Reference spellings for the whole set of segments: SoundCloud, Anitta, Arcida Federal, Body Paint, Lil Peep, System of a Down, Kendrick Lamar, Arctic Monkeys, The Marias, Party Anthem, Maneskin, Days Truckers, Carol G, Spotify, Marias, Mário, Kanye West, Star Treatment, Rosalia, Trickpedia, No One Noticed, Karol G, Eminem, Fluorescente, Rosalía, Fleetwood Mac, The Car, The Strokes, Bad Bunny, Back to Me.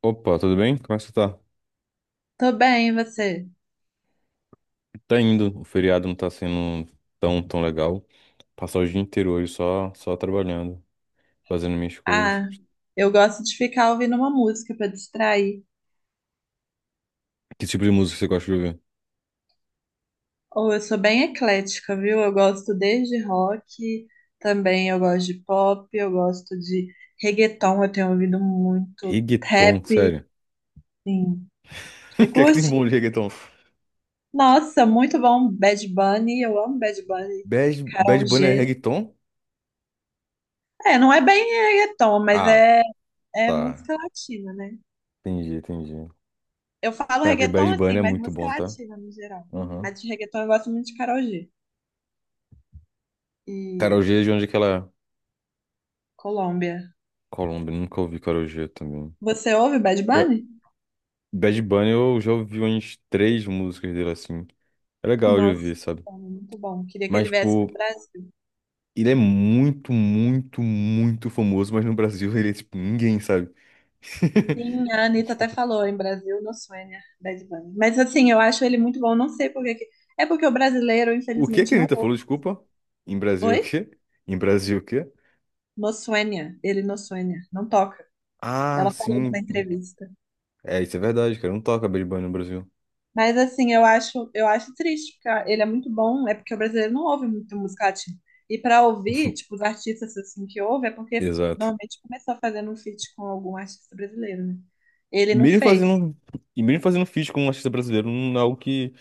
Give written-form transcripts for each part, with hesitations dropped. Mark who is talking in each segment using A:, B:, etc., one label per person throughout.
A: Opa, tudo bem? Como é que você tá?
B: Tô bem, e você?
A: Tá indo. O feriado não tá sendo tão legal. Passar o dia inteiro hoje só trabalhando, fazendo minhas coisas.
B: Ah, eu gosto de ficar ouvindo uma música pra distrair.
A: Que tipo de música você gosta de ouvir?
B: Ou eu sou bem eclética, viu? Eu gosto desde rock, também eu gosto de pop, eu gosto de reggaeton, eu tenho ouvido muito rap,
A: Reggaeton, sério.
B: sim.
A: O
B: Você
A: que é que tem
B: curte?
A: bom de reggaeton?
B: Nossa, muito bom, Bad Bunny, eu amo Bad Bunny,
A: Bad,
B: Karol
A: Bad Bunny é
B: G.
A: reggaeton?
B: É, não é bem reggaeton, mas
A: Ah,
B: é
A: tá.
B: música latina, né?
A: Entendi, entendi.
B: Eu falo
A: Cara, porque
B: reggaeton
A: Bad Bunny
B: assim,
A: é
B: mas
A: muito
B: música
A: bom, tá?
B: latina no geral.
A: Aham.
B: Mas de reggaeton eu gosto muito de Karol G.
A: Carol
B: e
A: G é de onde é que ela é?
B: Colômbia.
A: Colômbia, nunca ouvi Carol G também.
B: Você ouve Bad
A: Pior-
B: Bunny?
A: Bad Bunny eu já ouvi umas três músicas dele assim. É legal de
B: Nossa,
A: ouvir, sabe?
B: muito bom. Queria que
A: Mas,
B: ele viesse
A: tipo,
B: pro Brasil.
A: ele é muito, muito, muito famoso, mas no Brasil ele é tipo ninguém, sabe?
B: Sim, a Anitta
A: Tipo,
B: até falou em Brasil, no Suênia, Bad Bunny. Mas assim, eu acho ele muito bom. Não sei por que. É porque o brasileiro,
A: o que que
B: infelizmente,
A: a
B: não
A: Anitta
B: ouve.
A: falou? Desculpa. Em Brasil é o
B: Oi?
A: quê? Em Brasil é o quê?
B: No Suênia. Ele no Suênia. Não toca.
A: Ah,
B: Ela falou numa
A: sim.
B: entrevista.
A: É, isso é verdade, cara. Não toca Bad Bunny no Brasil.
B: Mas assim, eu acho triste, porque ah, ele é muito bom, é porque o brasileiro não ouve muito música latina. E para ouvir, tipo, os artistas assim que ouve, é porque
A: Exato.
B: normalmente começou fazendo um feat com algum artista brasileiro, né? Ele
A: E
B: não
A: mesmo
B: fez.
A: fazendo, e mesmo fazendo feat com um artista brasileiro, não é algo que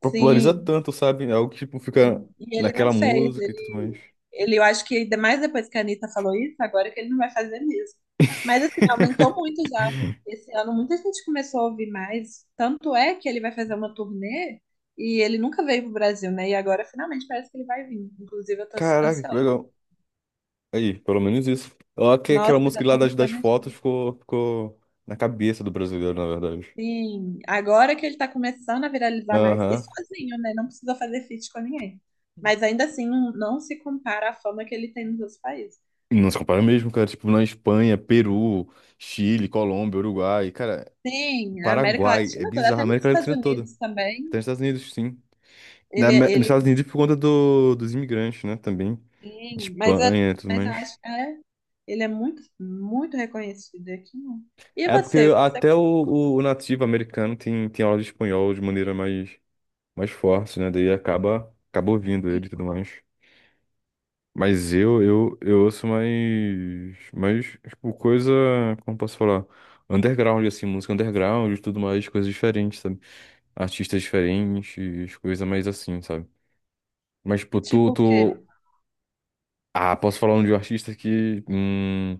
A: populariza
B: Sim.
A: tanto, sabe? É algo que tipo, fica
B: Sim. E ele não
A: naquela
B: fez,
A: música e tudo mais.
B: ele, eu acho que ainda mais depois que a Anitta falou isso, agora que ele não vai fazer mesmo. Mas assim, aumentou muito já. Esse ano muita gente começou a ouvir mais. Tanto é que ele vai fazer uma turnê e ele nunca veio pro Brasil, né? E agora finalmente parece que ele vai vir. Inclusive, eu tô
A: Caraca, que
B: ansiosa.
A: legal. Aí, pelo menos isso. Ó, que aquela
B: Nossa, já
A: música lá
B: estamos
A: das fotos
B: planejando.
A: ficou, ficou na cabeça do brasileiro, na verdade.
B: Sim, agora que ele tá começando a viralizar mais, e
A: Aham.
B: sozinho, né? Não precisou fazer feat com ninguém. Mas ainda assim, não se compara à fama que ele tem nos outros países.
A: Não se compara mesmo, cara. Tipo, na Espanha, Peru, Chile, Colômbia, Uruguai. Cara,
B: Sim, na América
A: Paraguai. É
B: Latina toda,
A: bizarro. A
B: até nos
A: América
B: Estados
A: Latina toda.
B: Unidos
A: Até
B: também.
A: nos Estados Unidos, sim.
B: Ele,
A: Nos
B: ele
A: Estados Unidos por conta dos imigrantes, né? Também. De
B: sim, mas, é,
A: Espanha e tudo
B: mas eu
A: mais.
B: acho que é, ele é muito, muito reconhecido aqui, não. E
A: É porque
B: você, o que você
A: até o nativo americano tem aula de espanhol de maneira mais forte, né? Daí acaba ouvindo
B: tem?
A: ele e tudo mais. Mas eu ouço tipo, coisa, como posso falar? Underground, assim, música underground e tudo mais, coisas diferentes, sabe? Artistas diferentes, coisa mais assim, sabe? Mas, tipo,
B: Tipo o quê?
A: Ah, posso falar um de um artista que,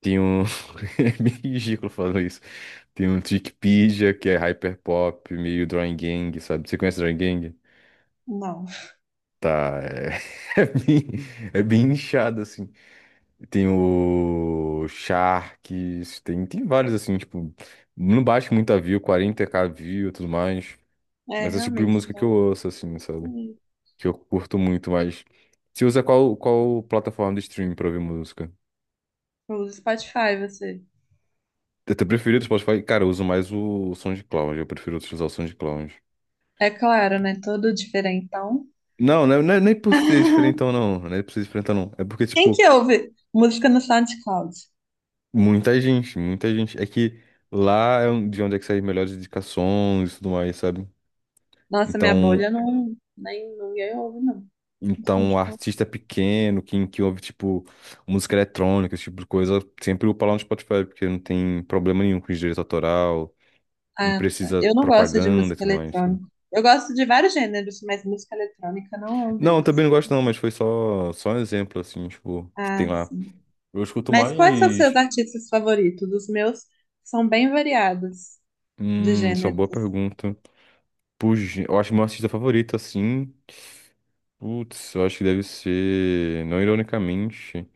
A: tem um... É meio ridículo falando isso. Tem um Trickpedia, que é hyperpop, meio Drawing Gang, sabe? Você conhece Drawing Gang?
B: Não.
A: Tá, é, é bem, é bem inchado, assim. Tem o Sharks, tem vários assim, tipo, não bate muita view, 40K view e tudo mais.
B: É,
A: Mas é o tipo de
B: realmente,
A: música que eu
B: não.
A: ouço, assim, sabe? Que eu curto muito, mas. Você usa qual plataforma de streaming pra ouvir música?
B: Pelo Spotify, você.
A: Eu tenho preferido o Spotify. Cara, eu uso mais o SoundCloud, eu prefiro utilizar o SoundCloud.
B: É claro, né? Todo diferentão.
A: Não, não é nem por ser diferentão, não. Não é por ser diferentão, não. É porque,
B: Quem
A: tipo,
B: que ouve música no SoundCloud?
A: muita gente. É que lá é de onde é que saem melhores indicações e tudo mais, sabe?
B: Nossa, minha
A: Então,
B: bolha não, nem ninguém ouve, não.
A: então, um artista pequeno, que ouve, tipo, música eletrônica, esse tipo de coisa, sempre upa lá no Spotify, porque não tem problema nenhum com direito autoral, não
B: Ah, tá.
A: precisa
B: Eu não gosto de
A: propaganda e
B: música
A: tudo mais, sabe?
B: eletrônica. Eu gosto de vários gêneros, mas música eletrônica não é um
A: Não, eu também
B: deles.
A: não gosto não, mas foi só um exemplo, assim, tipo, que tem
B: Ah,
A: lá.
B: sim.
A: Eu escuto
B: Mas quais são seus
A: mais...
B: artistas favoritos? Os meus são bem variados de
A: Isso é uma
B: gêneros,
A: boa
B: assim.
A: pergunta. Puxa, eu acho que meu artista favorito, assim... Putz, eu acho que deve ser... Não ironicamente,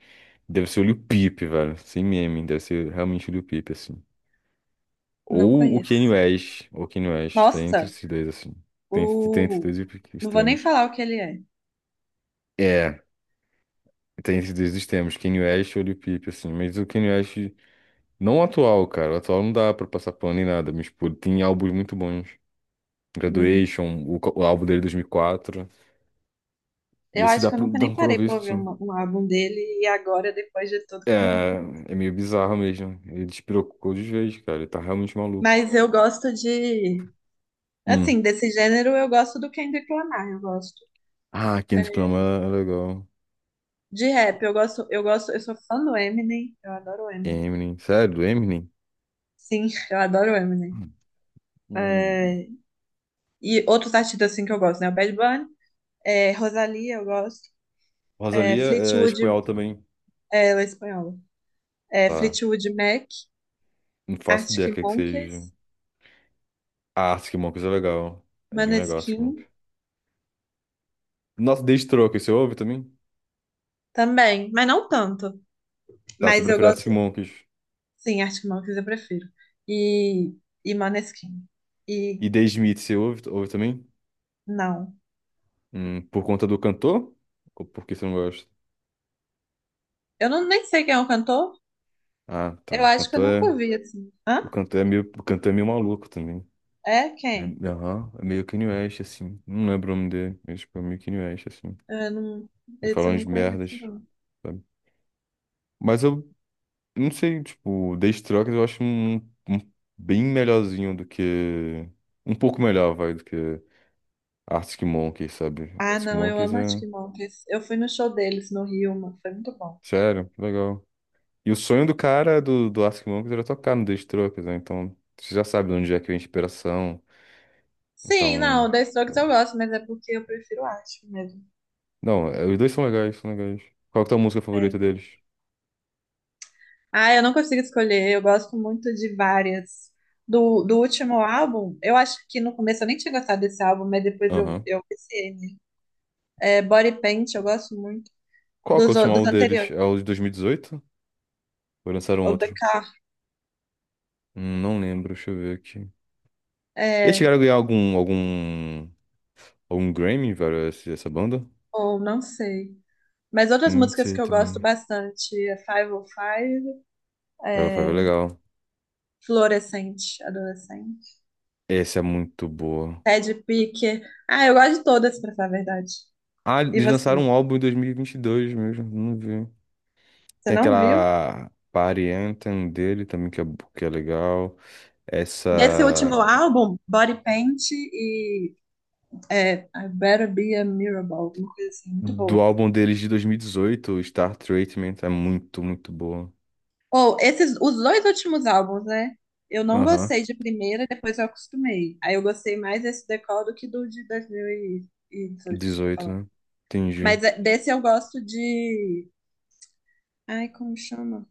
A: deve ser o Lil Peep, velho. Sem meme, deve ser realmente o Lil Peep, assim.
B: Não
A: Ou o
B: conheço.
A: Kanye West. Ou o Kanye West. Tem entre
B: Nossa,
A: esses dois, assim. Tem entre
B: o...
A: dois
B: não vou nem
A: extremos.
B: falar o que ele é.
A: É, tem esses dois extremos, Kanye West e Lil Peep, assim, mas o Kanye West, não o atual, cara, o atual não dá pra passar pano nem nada, mas, pô, tem álbuns muito bons,
B: Hum.
A: Graduation, o álbum dele de 2004, e quatro, e
B: Eu
A: esse
B: acho que eu nunca
A: dá
B: nem
A: pra
B: parei
A: ouvir,
B: pra ouvir
A: sim.
B: um álbum dele e agora, depois de tudo,
A: É,
B: que eu não vou.
A: é meio bizarro mesmo, ele despirocou de vez, cara, ele tá realmente maluco.
B: Mas eu gosto de.
A: Hum.
B: Assim, desse gênero, eu gosto do Kendrick Lamar, eu gosto.
A: Ah,
B: É,
A: Kendrick Lamar é legal.
B: de rap, eu gosto, eu sou fã do Eminem, eu adoro o Eminem.
A: Eminem, sério, Eminem?
B: Sim, eu adoro o Eminem.
A: Hum.
B: É, e outros artistas assim que eu gosto, né? O Bad Bunny, é, Rosalía, eu gosto. É,
A: Rosalia é é
B: Fleetwood,
A: espanhol também,
B: é, ela é espanhola. É,
A: tá?
B: Fleetwood Mac,
A: Não faço ideia o
B: Arctic
A: que é que seja.
B: Monkeys,
A: Ah, Arctic Monkeys é legal. É bem legal, Arctic
B: Maneskin
A: Monkeys. Nossa, The Strokes, você ouve também?
B: também, mas não tanto.
A: Tá, você
B: Mas eu
A: prefere Arctic
B: gosto,
A: Monkeys.
B: sim, Arctic Monkeys eu prefiro. E, e Maneskin. E
A: E The Smiths, você ouve também?
B: não.
A: Por conta do cantor? Ou porque você não gosta?
B: Eu não nem sei quem é o cantor.
A: Ah, tá.
B: Eu acho que eu nunca ouvi assim.
A: O
B: Hã?
A: cantor é meio, o cantor é meio maluco também.
B: É
A: É,
B: quem?
A: aham, é meio Kanye West, assim. Não lembro o nome dele, mas tipo, é meio Kanye West, assim.
B: É, não,
A: Ele fala
B: esse eu
A: umas
B: não conheço,
A: merdas,
B: não.
A: sabe? Mas eu não sei, tipo, Days Truckers eu acho um, um bem melhorzinho do que. Um pouco melhor, vai, do que Arctic Monkeys, sabe?
B: Ah,
A: Arctic
B: não, eu
A: Monkeys
B: amo
A: é.
B: Arctic Monkeys. Eu fui no show deles no Rio, mano, foi muito bom.
A: Sério, legal. E o sonho do cara do Arctic Monkeys era tocar no Days Truckers, né? Então, você já sabe de onde é que vem a inspiração.
B: Sim, não,
A: Então.
B: The Strokes eu gosto, mas é porque eu prefiro Arctic mesmo.
A: Não, é, os dois são legais, são legais. Qual que é a tua música favorita
B: É.
A: deles?
B: Ah, eu não consigo escolher, eu gosto muito de várias. Do último álbum, eu acho que no começo eu nem tinha gostado desse álbum, mas depois eu,
A: Aham.
B: eu viciei nele. É, Body Paint, eu gosto muito.
A: Qual que é o
B: Dos, o-
A: último
B: dos
A: álbum deles?
B: anteriores,
A: É o de 2018? Ou lançaram
B: ou The
A: outro?
B: Car,
A: Não lembro, deixa eu ver aqui. Eles
B: é,
A: chegaram a ganhar algum um Grammy, velho, essa banda?
B: ou não sei. Mas outras
A: Não
B: músicas
A: sei
B: que eu gosto
A: também.
B: bastante é Five oh five,
A: Pega Five é
B: é,
A: legal.
B: Fluorescente, adolescente.
A: Essa é muito boa.
B: Ted Picker. Ah, eu gosto de todas, pra falar a verdade.
A: Ah,
B: E
A: eles lançaram
B: você?
A: um álbum em 2022 mesmo, não vi.
B: Você
A: Tem
B: não viu?
A: aquela Party Anthem dele também, que é legal.
B: Desse
A: Essa
B: último álbum, Body Paint e I Better Be a Miracle, alguma coisa assim, muito
A: do
B: boa.
A: álbum deles de 2018, Star Treatment, é muito, muito boa.
B: Ou esses, os dois últimos álbuns, né? Eu não
A: Aham,
B: gostei de primeira, depois eu acostumei. Aí eu gostei mais desse Decol do que do de 2018 que você tá
A: 18,
B: falando.
A: né? Entendi.
B: Mas é, desse eu gosto de. Ai, como chama?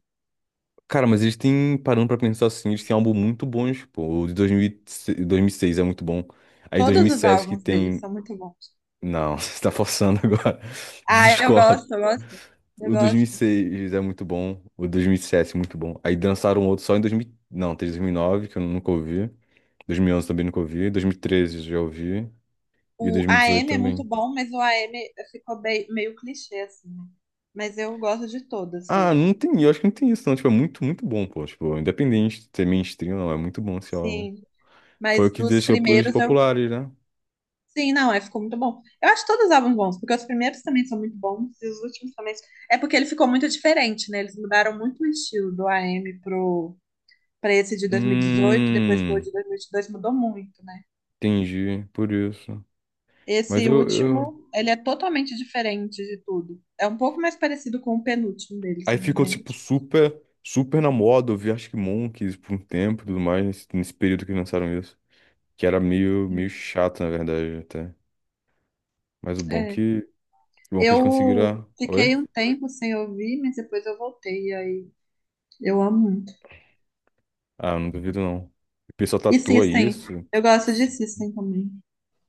A: Cara, mas eles têm, parando pra pensar assim, eles têm álbum muito bons, pô. O de 2006 2006 é muito bom. Aí
B: Todos os
A: 2007 que
B: álbuns dele
A: tem
B: são muito bons.
A: Não, você tá forçando agora.
B: Ah, eu
A: Discordo.
B: gosto, eu gosto, eu
A: O
B: gosto.
A: 2006 é muito bom. O 2007 é muito bom. Aí dançaram outro só em 2000... Não, teve 2009, que eu nunca ouvi. 2011 também nunca ouvi. 2013 já ouvi. E
B: O
A: 2018
B: AM é muito
A: também.
B: bom, mas o AM ficou bem, meio clichê, assim, né? Mas eu gosto de todas
A: Ah,
B: dele.
A: não tem... Eu acho que não tem isso, não. Tipo, é muito, muito bom, pô. Tipo, independente de ser mainstream, não. É muito bom esse álbum.
B: Sim,
A: Foi o
B: mas
A: que
B: os
A: deixou eles
B: primeiros eu.
A: populares, né?
B: Sim, não, é, ficou muito bom. Eu acho todos os álbuns bons, porque os primeiros também são muito bons e os últimos também. É porque ele ficou muito diferente, né? Eles mudaram muito o estilo do AM pro, pra esse de 2018, depois pro
A: Hum...
B: de 2022, mudou muito, né?
A: Entendi. Por isso. Mas
B: Esse último, ele é totalmente diferente de tudo. É um pouco mais parecido com o penúltimo deles,
A: Aí
B: né? Mas
A: ficou,
B: aí,
A: tipo,
B: tipo
A: super, super na moda. Eu vi acho que Monkeys por um tempo e tudo mais, nesse período que lançaram isso. Que era meio, meio
B: assim,
A: chato, na verdade, até. Mas
B: é.
A: o bom que eles
B: Eu
A: conseguiram. Oi?
B: fiquei um tempo sem ouvir, mas depois eu voltei. E aí eu amo muito.
A: Ah, não duvido, não. O pessoal
B: E
A: tatua
B: System,
A: isso.
B: eu gosto de
A: Sim.
B: System também.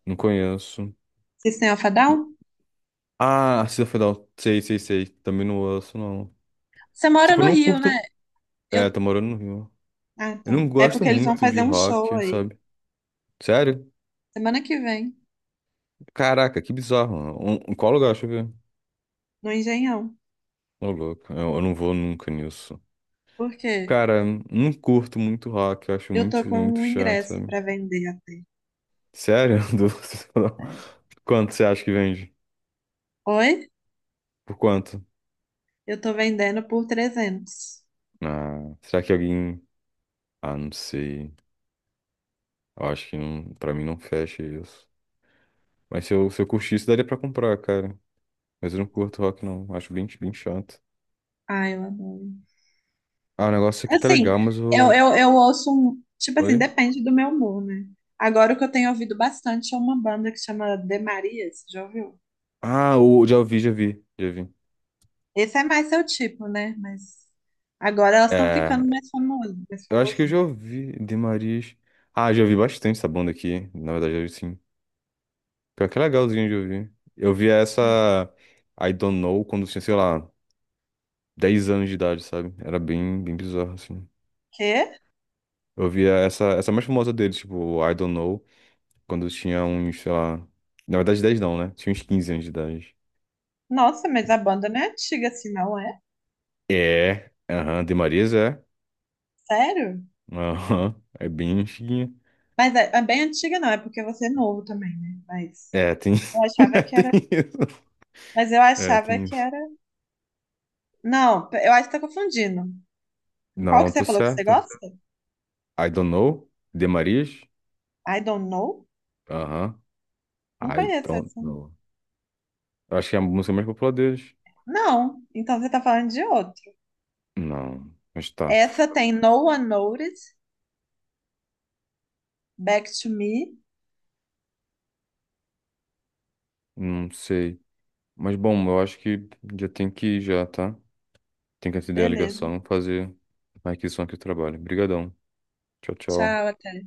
A: Não conheço.
B: System of a Down?
A: Ah, Arcida Federal. Sei, sei, sei. Também não ouço, não.
B: Você mora
A: Tipo, eu
B: no
A: não
B: Rio, né?
A: curto. É,
B: Eu...
A: tá morando no Rio.
B: Ah,
A: Eu
B: tá.
A: não
B: É
A: gosto
B: porque eles vão
A: muito
B: fazer
A: de
B: um show
A: rock,
B: aí,
A: sabe? Sério?
B: semana que vem,
A: Caraca, que bizarro, mano. Um, em qual lugar? Deixa eu ver.
B: no Engenhão.
A: Ô, louco, eu não vou nunca nisso.
B: Por quê?
A: Cara, não curto muito rock, eu acho
B: Eu tô
A: muito,
B: com
A: muito
B: um
A: chato,
B: ingresso
A: sabe?
B: pra vender até.
A: Sério?
B: Sério.
A: Quanto você acha que vende?
B: Oi?
A: Por quanto?
B: Eu tô vendendo por 300.
A: Ah, será que alguém. Ah, não sei. Eu acho que não, pra mim não fecha isso. Mas se eu curtisse, daria pra comprar, cara. Mas eu não curto rock, não. Acho bem, bem chato.
B: Ai, eu adoro.
A: Ah, o negócio aqui tá
B: Assim,
A: legal, mas
B: eu,
A: eu.
B: eu, eu ouço um. Tipo assim,
A: Oi?
B: depende do meu humor, né? Agora o que eu tenho ouvido bastante é uma banda que chama The Marias, já ouviu?
A: Ah, o, já vi, já vi, já vi.
B: Esse é mais seu tipo, né? Mas agora elas estão
A: É,
B: ficando mais famosas, mais
A: eu acho que eu
B: famosinhas.
A: já ouvi de Marias. Ah, já ouvi bastante essa banda aqui. Na verdade, eu sim. Pior que é legalzinho de ouvir. Eu via
B: Sim.
A: essa I Don't Know quando eu tinha, sei lá, 10 anos de idade, sabe? Era bem, bem bizarro, assim.
B: Quê?
A: Eu via essa mais famosa deles, tipo, I Don't Know, quando eu tinha uns, sei lá. Na verdade, dez não, né? Tinha uns 15 anos de idade.
B: Nossa, mas a banda não é antiga assim, não é?
A: É, aham, de Marias é.
B: Sério?
A: Aham, é bem antiguinha.
B: Mas é bem antiga, não, é porque você é novo também, né? Mas
A: É, tem.
B: eu achava
A: é
B: que
A: Tem
B: era.
A: isso.
B: Mas eu
A: É,
B: achava
A: tem
B: que
A: isso.
B: era. Não, eu acho que tá confundindo. Qual
A: Não,
B: que
A: tô
B: você falou que você
A: certo.
B: gosta?
A: I Don't Know, de Marias.
B: I don't know?
A: Aham.
B: Não
A: I
B: conheço
A: Don't
B: essa.
A: Know. Eu acho que é a música mais popular deles.
B: Não, então você tá falando de outro.
A: Não, mas tá.
B: Essa tem No One Noticed, Back to Me.
A: Não sei. Mas bom, eu acho que já tem que ir já, tá? Tem que atender a
B: Beleza.
A: ligação, fazer a requisição aqui do trabalho. Obrigadão. Tchau, tchau.
B: Tchau, até.